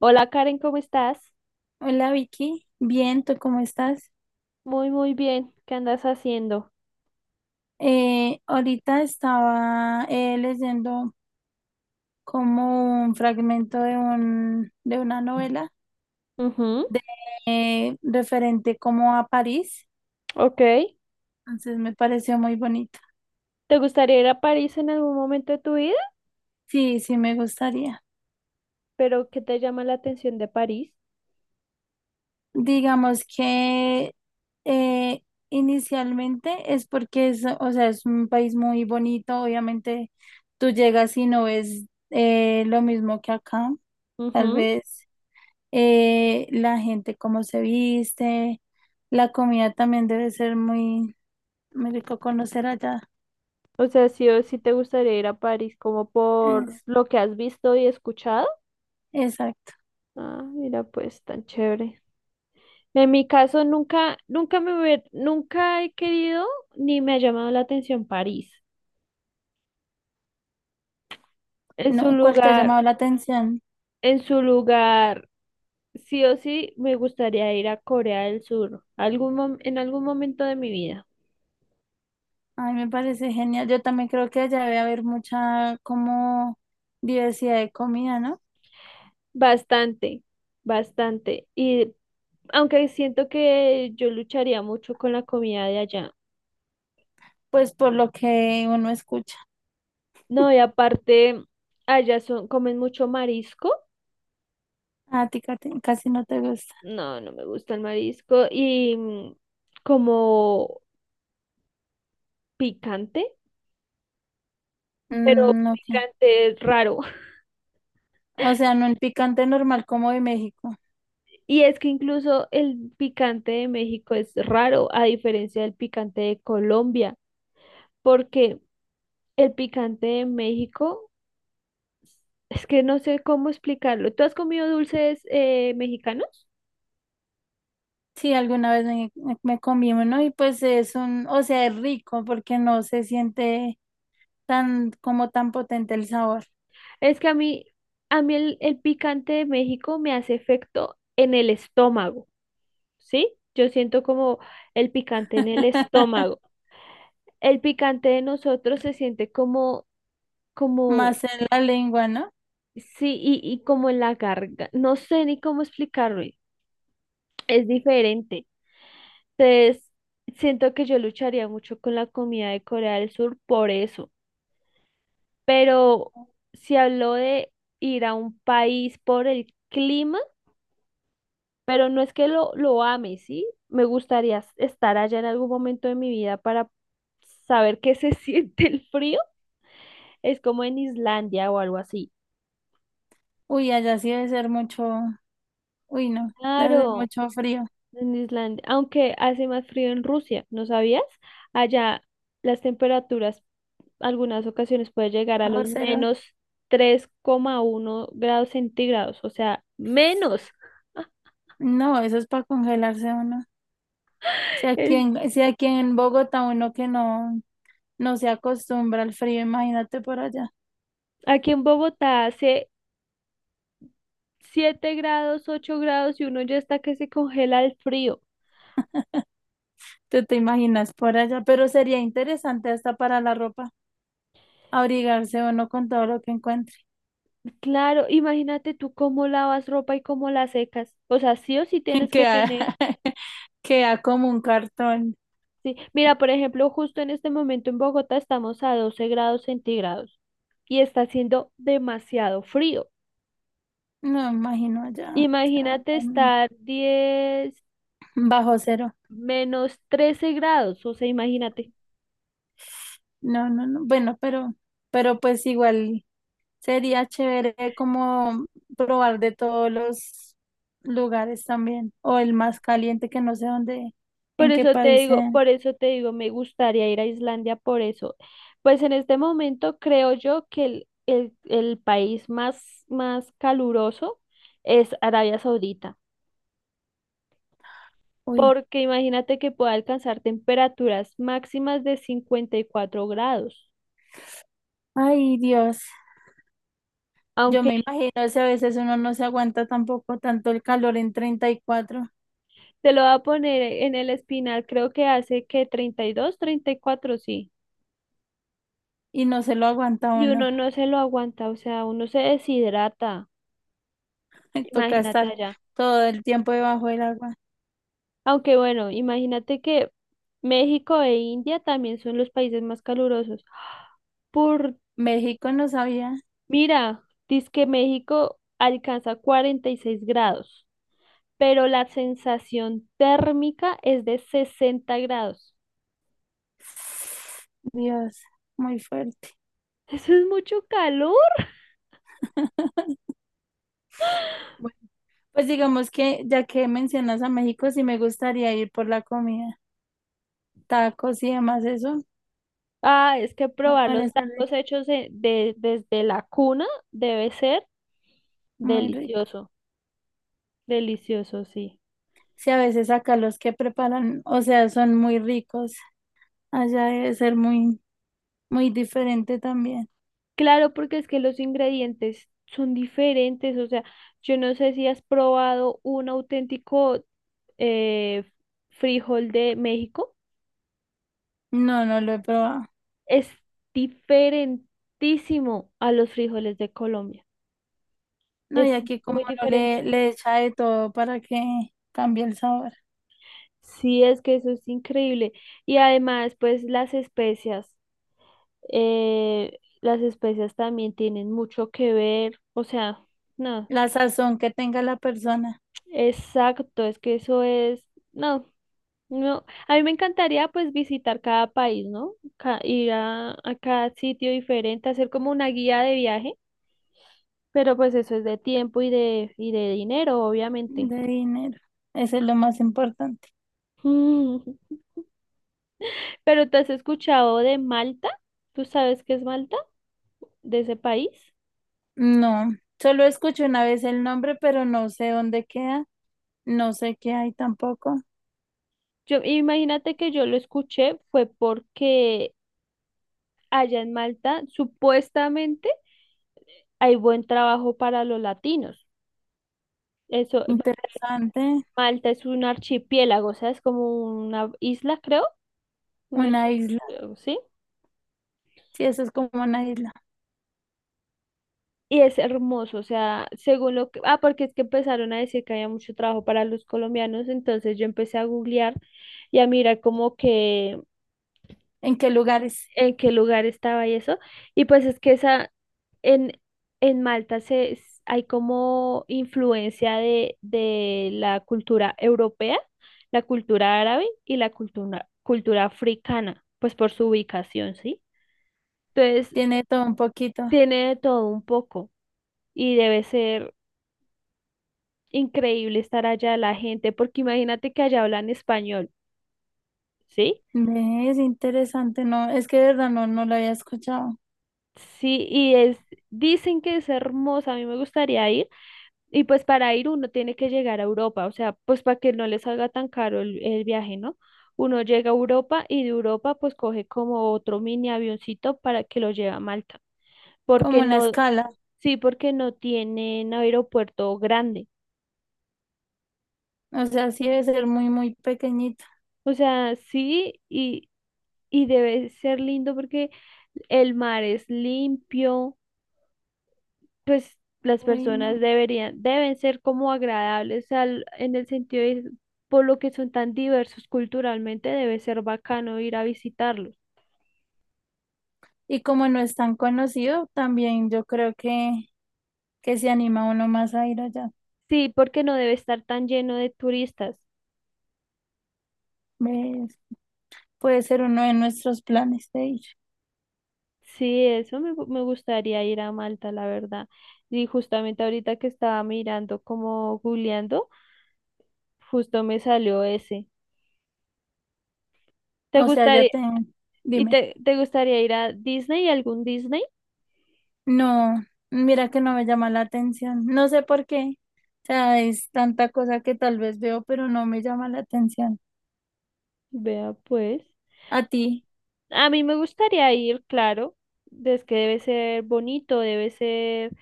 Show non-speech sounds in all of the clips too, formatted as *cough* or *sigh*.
Hola Karen, ¿cómo estás? Hola Vicky, bien, ¿tú cómo estás? Muy, muy bien. ¿Qué andas haciendo? Ahorita estaba leyendo como un fragmento de de una novela Ujú, de referente como a París, ok. entonces me pareció muy bonito. ¿Te gustaría ir a París en algún momento de tu vida? Sí, sí me gustaría. ¿Pero qué te llama la atención de París? Digamos que eh, inicialmente es porque es, o sea, es un país muy bonito, obviamente tú llegas y no ves lo mismo que acá, tal Ujú. vez. La gente cómo se viste, la comida también debe ser muy, muy rico conocer allá. O sea, sí o sí te gustaría ir a París como por Es- lo que has visto y escuchado. exacto. Ah, mira, pues tan chévere. En mi caso, nunca, nunca nunca he querido ni me ha llamado la atención París. En su No, ¿cuál te ha lugar, llamado la atención? en su lugar. Sí o sí, me gustaría ir a Corea del Sur, en algún momento de mi vida. Ay, me parece genial. Yo también creo que allá debe haber mucha como diversidad de comida, ¿no? Bastante, bastante. Y aunque siento que yo lucharía mucho con la comida de allá. Pues por lo que uno escucha. No, y aparte, comen mucho marisco. A ti Katy, casi no te gusta. No, no me gusta el marisco. Y como picante, pero Mm, ok. picante es raro. *laughs* O sea, no el picante normal como de México. Y es que incluso el picante de México es raro, a diferencia del picante de Colombia. Porque El picante de México, es que no sé cómo explicarlo. ¿Tú has comido dulces mexicanos? Sí, alguna vez me comí uno y pues es un, o sea, es rico porque no se siente tan como tan potente el sabor. Es que a mí el picante de México me hace efecto en el estómago, ¿sí? Yo siento como el picante en el estómago. *laughs* El picante de nosotros se siente como, Más en la lengua, ¿no? sí, y como en la garganta. No sé ni cómo explicarlo. Es diferente. Entonces, siento que yo lucharía mucho con la comida de Corea del Sur por eso, pero se habló de ir a un país por el clima, pero no es que lo ame, ¿sí? Me gustaría estar allá en algún momento de mi vida para saber qué se *laughs* siente el frío. Es como en Islandia o algo así. Uy, allá sí debe ser mucho, uy, no, debe ser Claro, mucho frío, en Islandia, aunque hace más frío en Rusia, ¿no sabías? Allá las temperaturas algunas ocasiones puede llegar a bajo los cero. -3,1 grados centígrados, o sea, menos. No, eso es para congelarse uno. *laughs* Si aquí en Bogotá uno que no, no se acostumbra al frío, imagínate por allá. Aquí en Bogotá hace 7 grados, 8 grados y uno ya está que se congela el frío. *laughs* Tú te imaginas por allá, pero sería interesante hasta para la ropa, abrigarse uno con todo lo que encuentra. Claro, imagínate tú cómo lavas ropa y cómo la secas. O sea, sí o sí *laughs* tienes que que tener. *laughs* queda como un cartón. Sí. Mira, por ejemplo, justo en este momento en Bogotá estamos a 12 grados centígrados y está haciendo demasiado frío. No me imagino ya, o sea, Imagínate estar diez, bajo cero. -13 grados, o sea, imagínate. No, no, no. Bueno, pero pues igual sería chévere como probar de todos los lugares también. O el más caliente que no sé dónde, Por en qué eso te país digo, sea. por eso te digo, me gustaría ir a Islandia por eso. Pues en este momento creo yo que el país más, más caluroso es Arabia Saudita, Uy, porque imagínate que pueda alcanzar temperaturas máximas de 54 grados. ay Dios. Yo Aunque me imagino si a veces uno no se aguanta tampoco tanto el calor en 34 y cuatro te lo va a poner en el espinal, creo que hace que treinta y dos, 34, sí. y no se lo aguanta Y uno. uno no se lo aguanta, o sea, uno se deshidrata. *laughs* Toca Imagínate estar allá. todo el tiempo debajo del agua. Aunque bueno, imagínate que México e India también son los países más calurosos. Por, México no sabía. mira, dice que México alcanza 46 grados, pero la sensación térmica es de 60 grados. Dios, muy fuerte. *laughs* Eso es mucho calor. *laughs* Bueno, pues digamos que ya que mencionas a México, sí me gustaría ir por la comida, tacos y demás, eso Ah, es que me probar los parece tacos rico, hechos desde la cuna debe ser muy rico. delicioso, delicioso, sí. Sí, a veces acá los que preparan, o sea, son muy ricos. Allá debe ser muy, muy diferente también. Claro, porque es que los ingredientes son diferentes, o sea, yo no sé si has probado un auténtico eh, frijol de México, No, no lo he probado. es diferentísimo a los frijoles de Colombia, No, y es aquí como muy no le, diferente. le echa de todo para que cambie el sabor. Sí, es que eso es increíble. Y además, pues las especias también tienen mucho que ver, o sea, no, La sazón que tenga la persona exacto, es que eso es... No, no, a mí me encantaría pues visitar cada país, ¿no? Ir a cada sitio diferente, hacer como una guía de viaje, pero pues eso es de tiempo y de dinero, obviamente. de dinero. Eso es lo más importante. Mm. *laughs* Pero ¿te has escuchado de Malta? ¿Tú sabes qué es Malta? De ese país. No, solo escuché una vez el nombre, pero no sé dónde queda. No sé qué hay tampoco. Yo, imagínate que yo lo escuché fue porque allá en Malta supuestamente hay buen trabajo para los latinos. Eso, Interesante. Malta es un archipiélago, o sea, es como una isla, creo. Una Una isla. archipiélago, ¿sí? Sí, eso es como una isla. Y es hermoso, o sea, según lo que... Ah, porque es que empezaron a decir que había mucho trabajo para los colombianos, entonces yo empecé a googlear y a mirar como que ¿En qué lugares? en qué lugar estaba y eso. Y pues es que esa, en, en Malta hay como influencia de la cultura europea, la cultura árabe y la cultura africana, pues por su ubicación, ¿sí? Entonces, Tiene todo un poquito. tiene de todo un poco y debe ser increíble estar allá la gente, porque imagínate que allá hablan español, ¿sí? Ve, es interesante, no, es que de verdad no, no lo había escuchado. Sí, dicen que es hermosa, a mí me gustaría ir, y pues para ir uno tiene que llegar a Europa, o sea, pues para que no les salga tan caro el viaje, ¿no? Uno llega a Europa y de Europa pues coge como otro mini avioncito para que lo lleve a Malta, Como porque una no, escala. sí, porque no tienen aeropuerto grande, O sea, sí debe ser muy, muy pequeñita. o sea, sí, y debe ser lindo porque el mar es limpio, pues las Uy, no. personas deben ser como agradables en el sentido de, por lo que son tan diversos culturalmente, debe ser bacano ir a visitarlos. Y como no es tan conocido, también yo creo que se anima uno más a ir allá. Sí, porque no debe estar tan lleno de turistas. ¿Ves? Puede ser uno de nuestros planes de ir. Sí, eso me gustaría ir a Malta, la verdad. Y justamente ahorita que estaba mirando como googleando, justo me salió ese. ¿Te O sea, ya gustaría, te... y Dime. te gustaría ir a Disney, ¿algún Disney? No, mira que no me llama la atención. No sé por qué. O sea, es tanta cosa que tal vez veo, pero no me llama la atención. Vea pues. A ti A mí me gustaría ir, claro, es que debe ser bonito, debe ser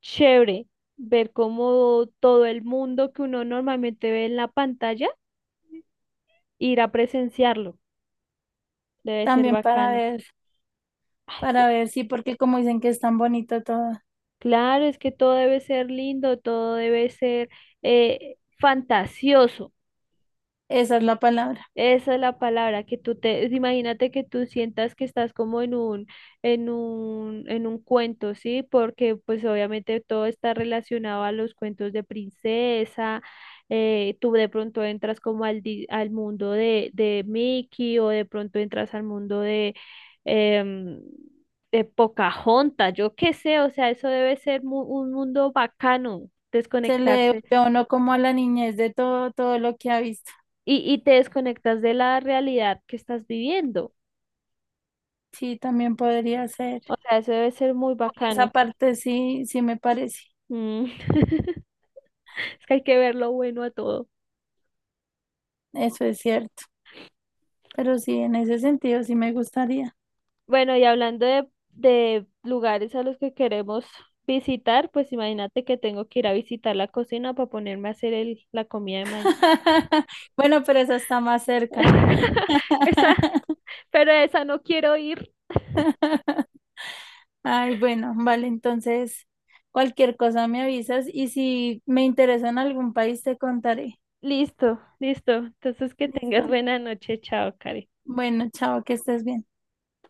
chévere ver cómo todo el mundo que uno normalmente ve en la pantalla, ir a presenciarlo, debe ser también bacano. Ay, para ver, sí, porque como dicen que es tan bonito todo, claro, es que todo debe ser lindo, todo debe ser fantasioso. esa es la palabra. Esa es la palabra, que tú te, imagínate que tú sientas que estás como en un cuento, ¿sí? Porque pues obviamente todo está relacionado a los cuentos de princesa, tú de pronto entras como al mundo de Mickey o de pronto entras al mundo em, de Pocahontas, yo qué sé, o sea, eso debe ser un mundo bacano, Se le desconectarse ve a uno como a la niñez de todo, todo lo que ha visto. y te desconectas de la realidad que estás viviendo. Sí, también podría ser. O sea, eso debe ser muy Por esa bacano. parte sí, sí me parece. Mm. *laughs* Es que hay que ver lo bueno a todo. Eso es cierto. Pero sí, en ese sentido sí me gustaría. Bueno, y hablando de lugares a los que queremos visitar, pues imagínate que tengo que ir a visitar la cocina para ponerme a hacer la comida de mañana. *laughs* Bueno, pero esa está más cerca. *laughs* Esa, *laughs* pero esa no quiero ir. Ay, bueno, vale, entonces cualquier cosa me avisas y si me interesa en algún país te contaré. Listo, listo. Entonces que ¿Listo? tengas buena noche. Chao, Karen. Bueno, chao, que estés bien.